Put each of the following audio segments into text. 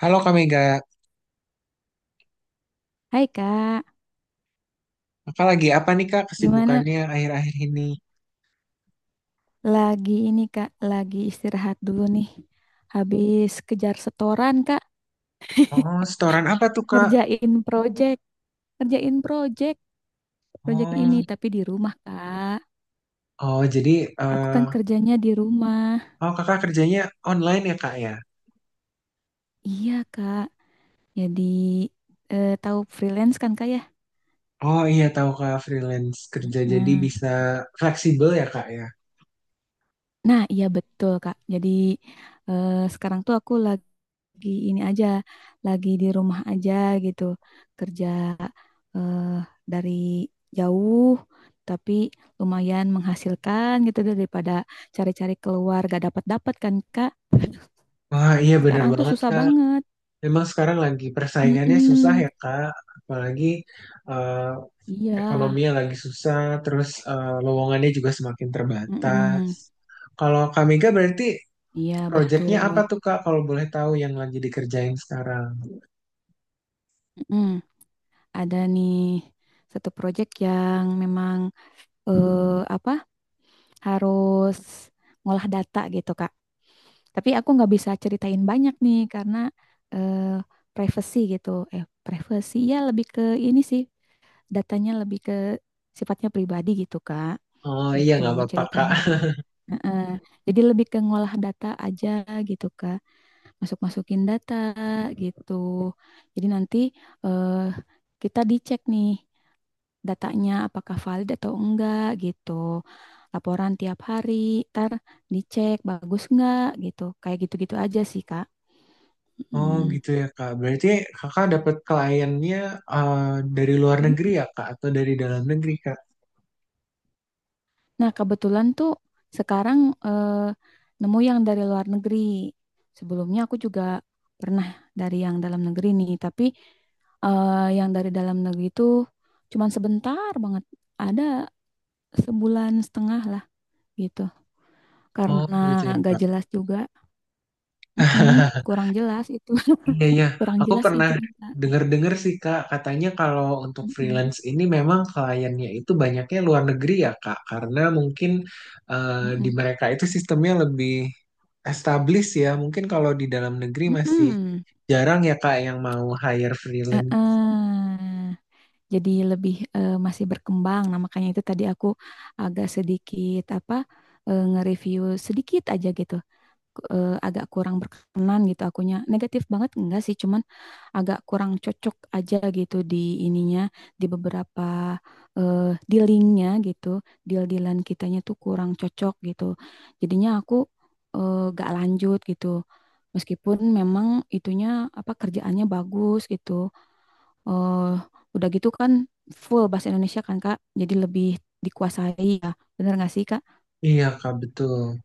Halo Kak Mega, Hai Kak, Kakak lagi apa nih Kak gimana? kesibukannya akhir-akhir ini? Lagi ini Kak, lagi istirahat dulu nih. Habis kejar setoran Kak, Oh, setoran apa tuh Kak? ngerjain project, ngerjain project, project ini Oh, tapi di rumah Kak. oh jadi Aku kan eh kerjanya di rumah. oh Kakak kerjanya online ya Kak ya? Iya Kak, jadi tahu freelance kan Kak ya? Oh iya tahu Kak freelance kerja jadi Hmm. bisa fleksibel ya Kak ya? Nah, iya betul Kak. Jadi sekarang tuh aku lagi ini aja, lagi di rumah aja gitu, kerja eh, dari jauh, tapi lumayan menghasilkan gitu daripada cari-cari keluar gak dapat-dapat kan Kak. Wah iya bener Sekarang tuh banget susah Kak. banget. Memang sekarang lagi persaingannya susah Mm-mm. ya Kak, apalagi eh Iya. ekonominya lagi susah, terus lowongannya juga semakin terbatas. Mm-mm. Kalau Kak Mega berarti Iya proyeknya betul. apa tuh Kak, kalau boleh tahu yang lagi dikerjain sekarang? Mm-mm. Ada nih satu proyek yang memang eh, apa harus ngolah data gitu Kak. Tapi aku nggak bisa ceritain banyak nih karena eh, privacy gitu. Eh, privacy ya lebih ke ini sih, datanya lebih ke sifatnya pribadi gitu, Kak. Oh iya, Gitu nggak apa-apa Kak. ceritanya. Hmm. Heeh. Jadi lebih ke ngolah data aja gitu, Kak. Masuk-masukin data gitu. Jadi nanti eh, kita dicek nih datanya apakah valid atau enggak gitu. Laporan tiap hari, ntar dicek bagus enggak gitu. Kayak gitu-gitu aja sih, Kak. Oh Mm. gitu ya Kak. Berarti Kakak dapat kliennya eh, dari luar negeri ya Kak, atau dari dalam negeri Kak? Nah, kebetulan tuh sekarang eh, nemu yang dari luar negeri. Sebelumnya aku juga pernah dari yang dalam negeri nih, tapi eh, yang dari dalam negeri itu cuman sebentar banget. Ada sebulan setengah lah gitu. Oh Karena gitu ya gak Kak. jelas juga. Mm-mm, kurang jelas itu. Iya, iya. kurang Aku jelas pernah itu Kak. dengar-dengar sih, Kak. Katanya kalau untuk Mm-mm, freelance ini memang kliennya itu banyaknya luar negeri ya, Kak. Karena mungkin eh, di mm-mm, mereka itu sistemnya lebih established ya. Mungkin kalau di dalam negeri masih mm-mm. jarang ya, Kak, yang mau hire freelance. Eh-eh. Jadi lebih masih berkembang. Nah, makanya itu tadi aku agak sedikit apa nge-review sedikit aja gitu. Agak kurang berkenan gitu akunya. Negatif banget enggak sih, cuman agak kurang cocok aja gitu di ininya di beberapa eh, dealingnya gitu deal-dealan kitanya tuh kurang cocok gitu jadinya aku gak lanjut gitu meskipun memang itunya apa kerjaannya bagus gitu eh udah gitu kan full bahasa Indonesia kan Kak jadi lebih dikuasai ya, bener gak sih Kak? Iya, Kak, betul.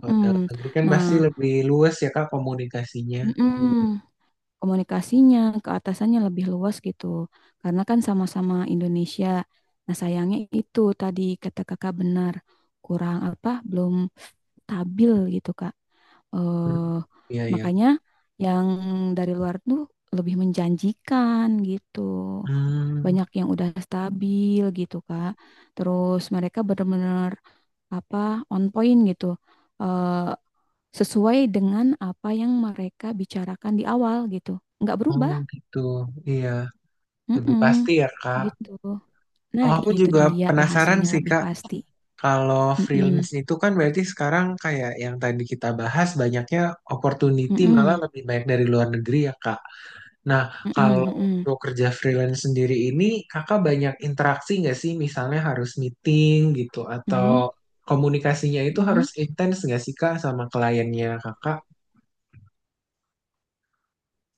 Kalau dalam negeri kan pasti Nah lebih luas ya, Kak, komunikasinya. mm komunikasinya ke atasannya lebih luas gitu. Karena kan sama-sama Indonesia. Nah, sayangnya itu tadi kata kakak benar kurang apa belum stabil gitu Kak. Hmm, Eh iya, iya. Makanya yang dari luar tuh lebih menjanjikan gitu. Hmm, Banyak yang udah stabil gitu Kak. Terus mereka benar-benar apa on point gitu. Eh Sesuai dengan apa yang mereka bicarakan di awal gitu. Nggak oh berubah. gitu. Iya, lebih pasti Mm-mm, ya, Kak. gitu. Oh, Nah, aku itu juga dia penasaran bahasanya sih, lebih Kak. pasti. Kalau Mm-mm, freelance itu kan berarti sekarang kayak yang tadi kita bahas banyaknya opportunity malah mm-mm, lebih banyak dari luar negeri ya Kak. Nah, mm-mm, kalau mm-mm, untuk kerja freelance sendiri ini Kakak banyak interaksi nggak sih? Misalnya harus meeting gitu mm-mm, atau komunikasinya itu harus mm-mm. intens nggak sih Kak sama kliennya Kakak?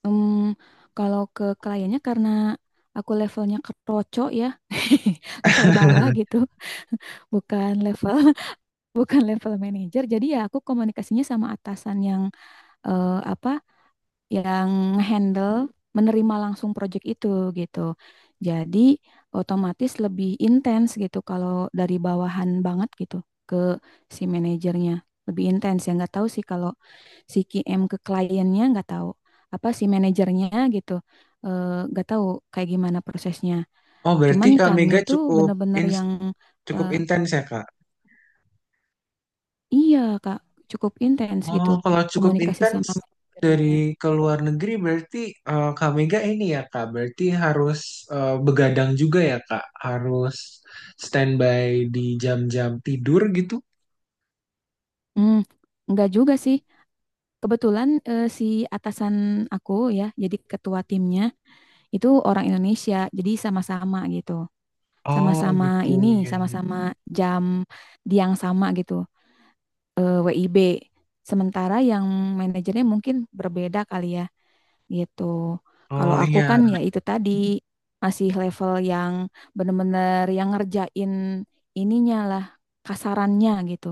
Em, Kalau ke kliennya karena aku levelnya keroco ya, level bawah gitu, bukan level bukan level manager. Jadi ya aku komunikasinya sama atasan yang eh, apa yang handle menerima langsung project itu gitu. Jadi otomatis lebih intens gitu kalau dari bawahan banget gitu ke si manajernya. Lebih intens ya nggak tahu sih kalau si QM ke kliennya nggak tahu apa si manajernya gitu, nggak tahu kayak gimana prosesnya. Oh, berarti Cuman Kak kami Mega tuh bener-bener ins- yang cukup eh, intens ya Kak? iya Kak cukup intens gitu Oh, kalau cukup komunikasi intens sama manajernya. dari ke luar negeri berarti Kak Mega ini ya Kak, berarti harus begadang juga ya Kak, harus standby di jam-jam tidur gitu. Hmm, nggak juga sih. Kebetulan si atasan aku ya, jadi ketua timnya itu orang Indonesia, jadi sama-sama gitu, Oh sama-sama gitu ini, ya, iya, iya. sama-sama jam di yang sama gitu, eh, WIB. Sementara yang manajernya mungkin berbeda kali ya, gitu. Kalau Oh aku kan iya, ya itu tadi masih level yang bener-bener yang ngerjain ininya lah, kasarannya gitu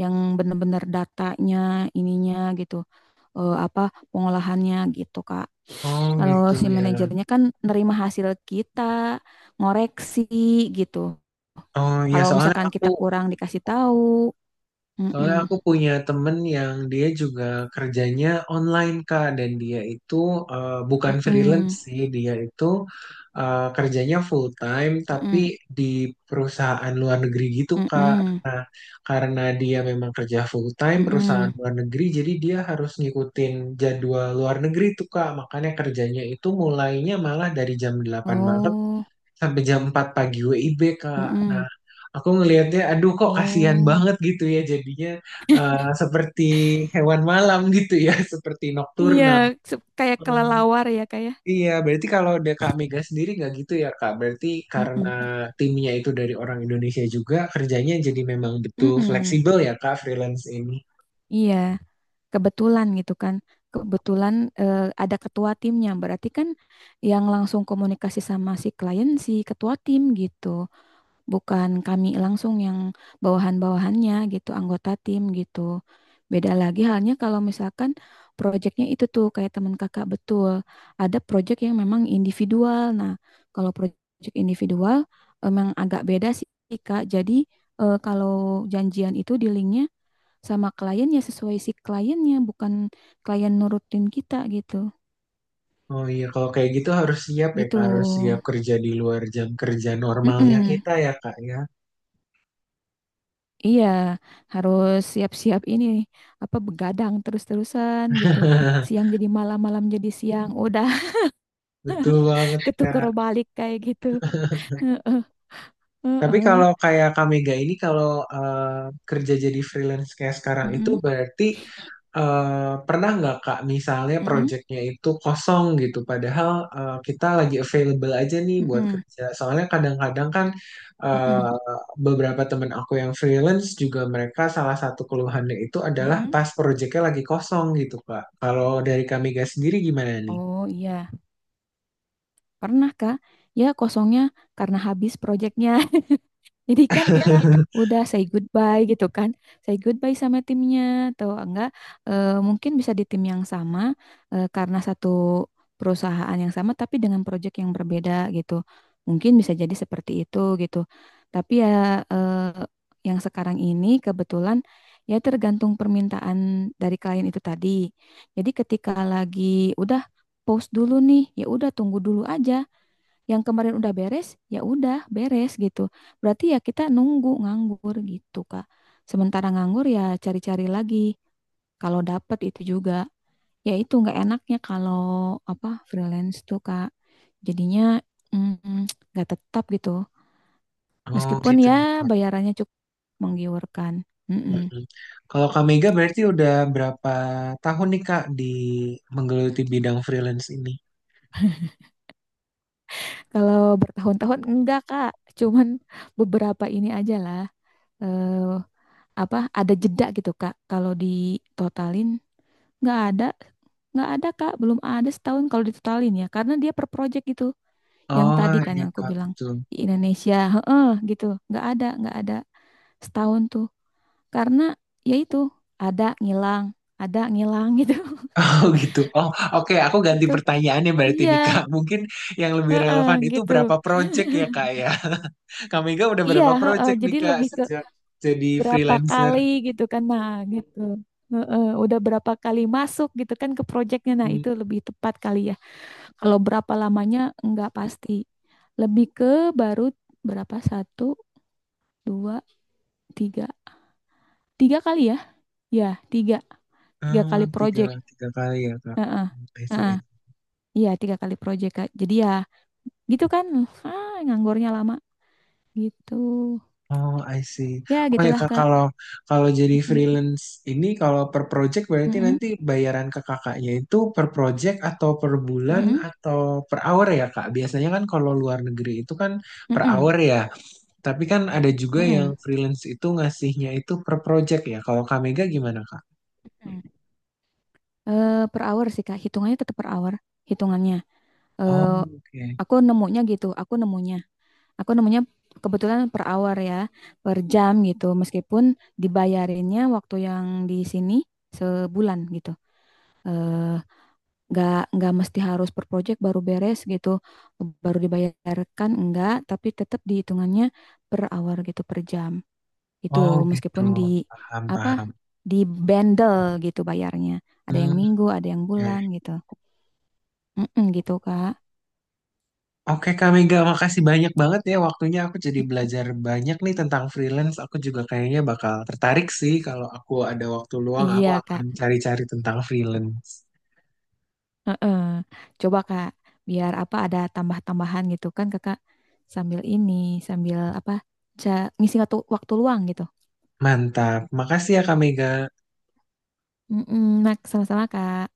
yang benar-benar datanya ininya gitu eh, apa pengolahannya gitu Kak. oh Kalau gitu si ya. manajernya kan nerima hasil kita, ngoreksi gitu. Oh iya Kalau soalnya misalkan aku kita kurang dikasih tahu, Soalnya mm-mm, aku punya temen yang dia juga kerjanya online Kak dan dia itu bukan freelance mm-mm, sih, dia itu kerjanya full time tapi mm-mm, di perusahaan luar negeri gitu Kak. mm-mm, Karena dia memang kerja full time perusahaan mm-mm. luar negeri jadi dia harus ngikutin jadwal luar negeri tuh Kak. Makanya kerjanya itu mulainya malah dari jam 8 malam Oh, sampai jam 4 pagi WIB Kak. mm-mm, Nah, aku ngelihatnya aduh kok kasihan oh, banget gitu ya jadinya seperti hewan malam gitu ya, seperti iya, nokturnal. se- kayak Hmm, kelelawar ya kayak, iya, berarti kalau ada Kak Mega sendiri nggak gitu ya Kak. Berarti karena mm-mm, timnya itu dari orang Indonesia juga, kerjanya jadi memang betul mm-mm, fleksibel ya Kak freelance ini. iya. Kebetulan gitu kan, kebetulan ada ketua timnya berarti kan yang langsung komunikasi sama si klien si ketua tim gitu, bukan kami langsung yang bawahan-bawahannya gitu anggota tim gitu. Beda lagi halnya kalau misalkan proyeknya itu tuh kayak teman kakak betul ada proyek yang memang individual. Nah, kalau proyek individual memang agak beda sih Kak, jadi kalau janjian itu di linknya sama kliennya sesuai si kliennya, bukan klien nurutin kita gitu. Oh iya, kalau kayak gitu harus siap ya Gitu. Kak, harus siap kerja di luar jam kerja normalnya Mm-mm. kita ya Kak ya. Iya, harus siap-siap ini apa begadang terus-terusan gitu. Siang jadi malam, malam jadi siang. Udah Betul banget ketuker Kak. balik kayak gitu. Heeh, Tapi heeh. kalau kayak Kamega ini kalau kerja jadi freelance kayak sekarang itu Mm-mm, berarti pernah nggak Kak misalnya mm-mm, proyeknya itu kosong gitu padahal kita lagi available aja nih buat mm-mm, kerja. Soalnya kadang-kadang kan mm-mm, eh, beberapa temen aku yang freelance juga mereka salah satu keluhannya itu adalah mm-mm. pas proyeknya lagi kosong gitu Kak. Kalau dari Kamega sendiri gimana nih? Oh iya, pernah Kak. Ya kosongnya karena habis proyeknya. Jadi kan kita udah say goodbye gitu kan. Say goodbye sama timnya atau enggak mungkin bisa di tim yang sama karena satu perusahaan yang sama tapi dengan project yang berbeda gitu. Mungkin bisa jadi seperti itu gitu. Tapi ya eh, yang sekarang ini kebetulan ya tergantung permintaan dari klien itu tadi. Jadi ketika lagi udah post dulu nih, ya udah tunggu dulu aja, yang kemarin udah beres, ya udah beres gitu. Berarti ya kita nunggu nganggur gitu, Kak. Sementara nganggur ya cari-cari lagi. Kalau dapet itu juga, ya itu nggak enaknya kalau apa freelance tuh, Kak. Jadinya mm, nggak tetap gitu. Oh Meskipun gitu ya ya. bayarannya cukup menggiurkan. Mm-mm. Mm-mm. Kalau Kak Mega berarti udah berapa tahun nih Kak di menggeluti bidang freelance ini? Kalau bertahun-tahun enggak, Kak. Cuman beberapa ini aja lah. Eh, Apa ada jeda gitu Kak kalau ditotalin, nggak ada nggak ada kak, belum ada setahun kalau ditotalin ya, karena dia per project gitu yang Oh tadi kan iya yang aku Kak, bilang betul. di Indonesia heeh gitu, nggak ada setahun tuh karena ya itu ada ngilang ada ngilang gitu. Oh gitu. Oh, oke, aku ganti Gitu, pertanyaannya berarti iya. nih Kak. Mungkin yang lebih relevan itu Gitu berapa project ya Kak ya? Kak Mega udah iya, berapa heeh, project nih jadi Kak lebih ke sejak jadi berapa freelancer? kali gitu kan, nah gitu. Heeh, udah berapa kali masuk gitu kan ke projectnya, nah Hmm. itu lebih tepat kali ya. Kalau berapa lamanya nggak pasti. Lebih ke baru berapa? Satu, dua, tiga. Tiga kali ya? Ya, tiga. Tiga Oh, kali tiga, project. tiga kali ya Kak. Heeh. Hmm, I see. Heeh. Iya, tiga kali project, Kak. Jadi ya gitu kan. Ah, nganggurnya lama. Gitu. Oh, I see. Ya, Oh ya gitulah, kak, Kak. kalau kalau jadi Mm-mm. freelance ini kalau per project berarti Mm-mm. nanti bayaran ke kakaknya itu per project atau per bulan Mm-mm. atau per hour ya kak? Biasanya kan kalau luar negeri itu kan per Mm-mm. hour ya. Tapi kan ada juga yang Mm-mm. freelance itu ngasihnya itu per project ya. Kalau Kamega gimana kak? Mm-mm. Eh, per hour sih, Kak. Hitungannya tetap per hour. Hitungannya. Oh, Eh, oke. aku nemunya gitu. Aku nemunya. Aku nemunya kebetulan per hour ya, per jam gitu. Meskipun dibayarinnya waktu yang di sini sebulan gitu. Eh, nggak mesti harus per project baru beres gitu, baru dibayarkan enggak, tapi tetap dihitungannya per hour gitu, per jam. Itu Oh, gitu. meskipun di Paham, apa paham. di bundle gitu bayarnya. Ada yang Hmm, minggu, ada yang oke. bulan gitu. Mm-mm, gitu, Kak. Oke Kak Mega, makasih banyak banget ya waktunya. Aku jadi belajar banyak nih tentang freelance. Aku juga kayaknya bakal tertarik sih kalau aku ada waktu luang, aku Iya, akan Kak. cari-cari tentang freelance. Heeh. Coba Kak, biar apa ada tambah-tambahan gitu kan Kakak sambil ini, sambil apa, ngisi waktu, waktu luang gitu. Mantap. Makasih ya Kak Mega. Mm-mm, nah, sama-sama Kak.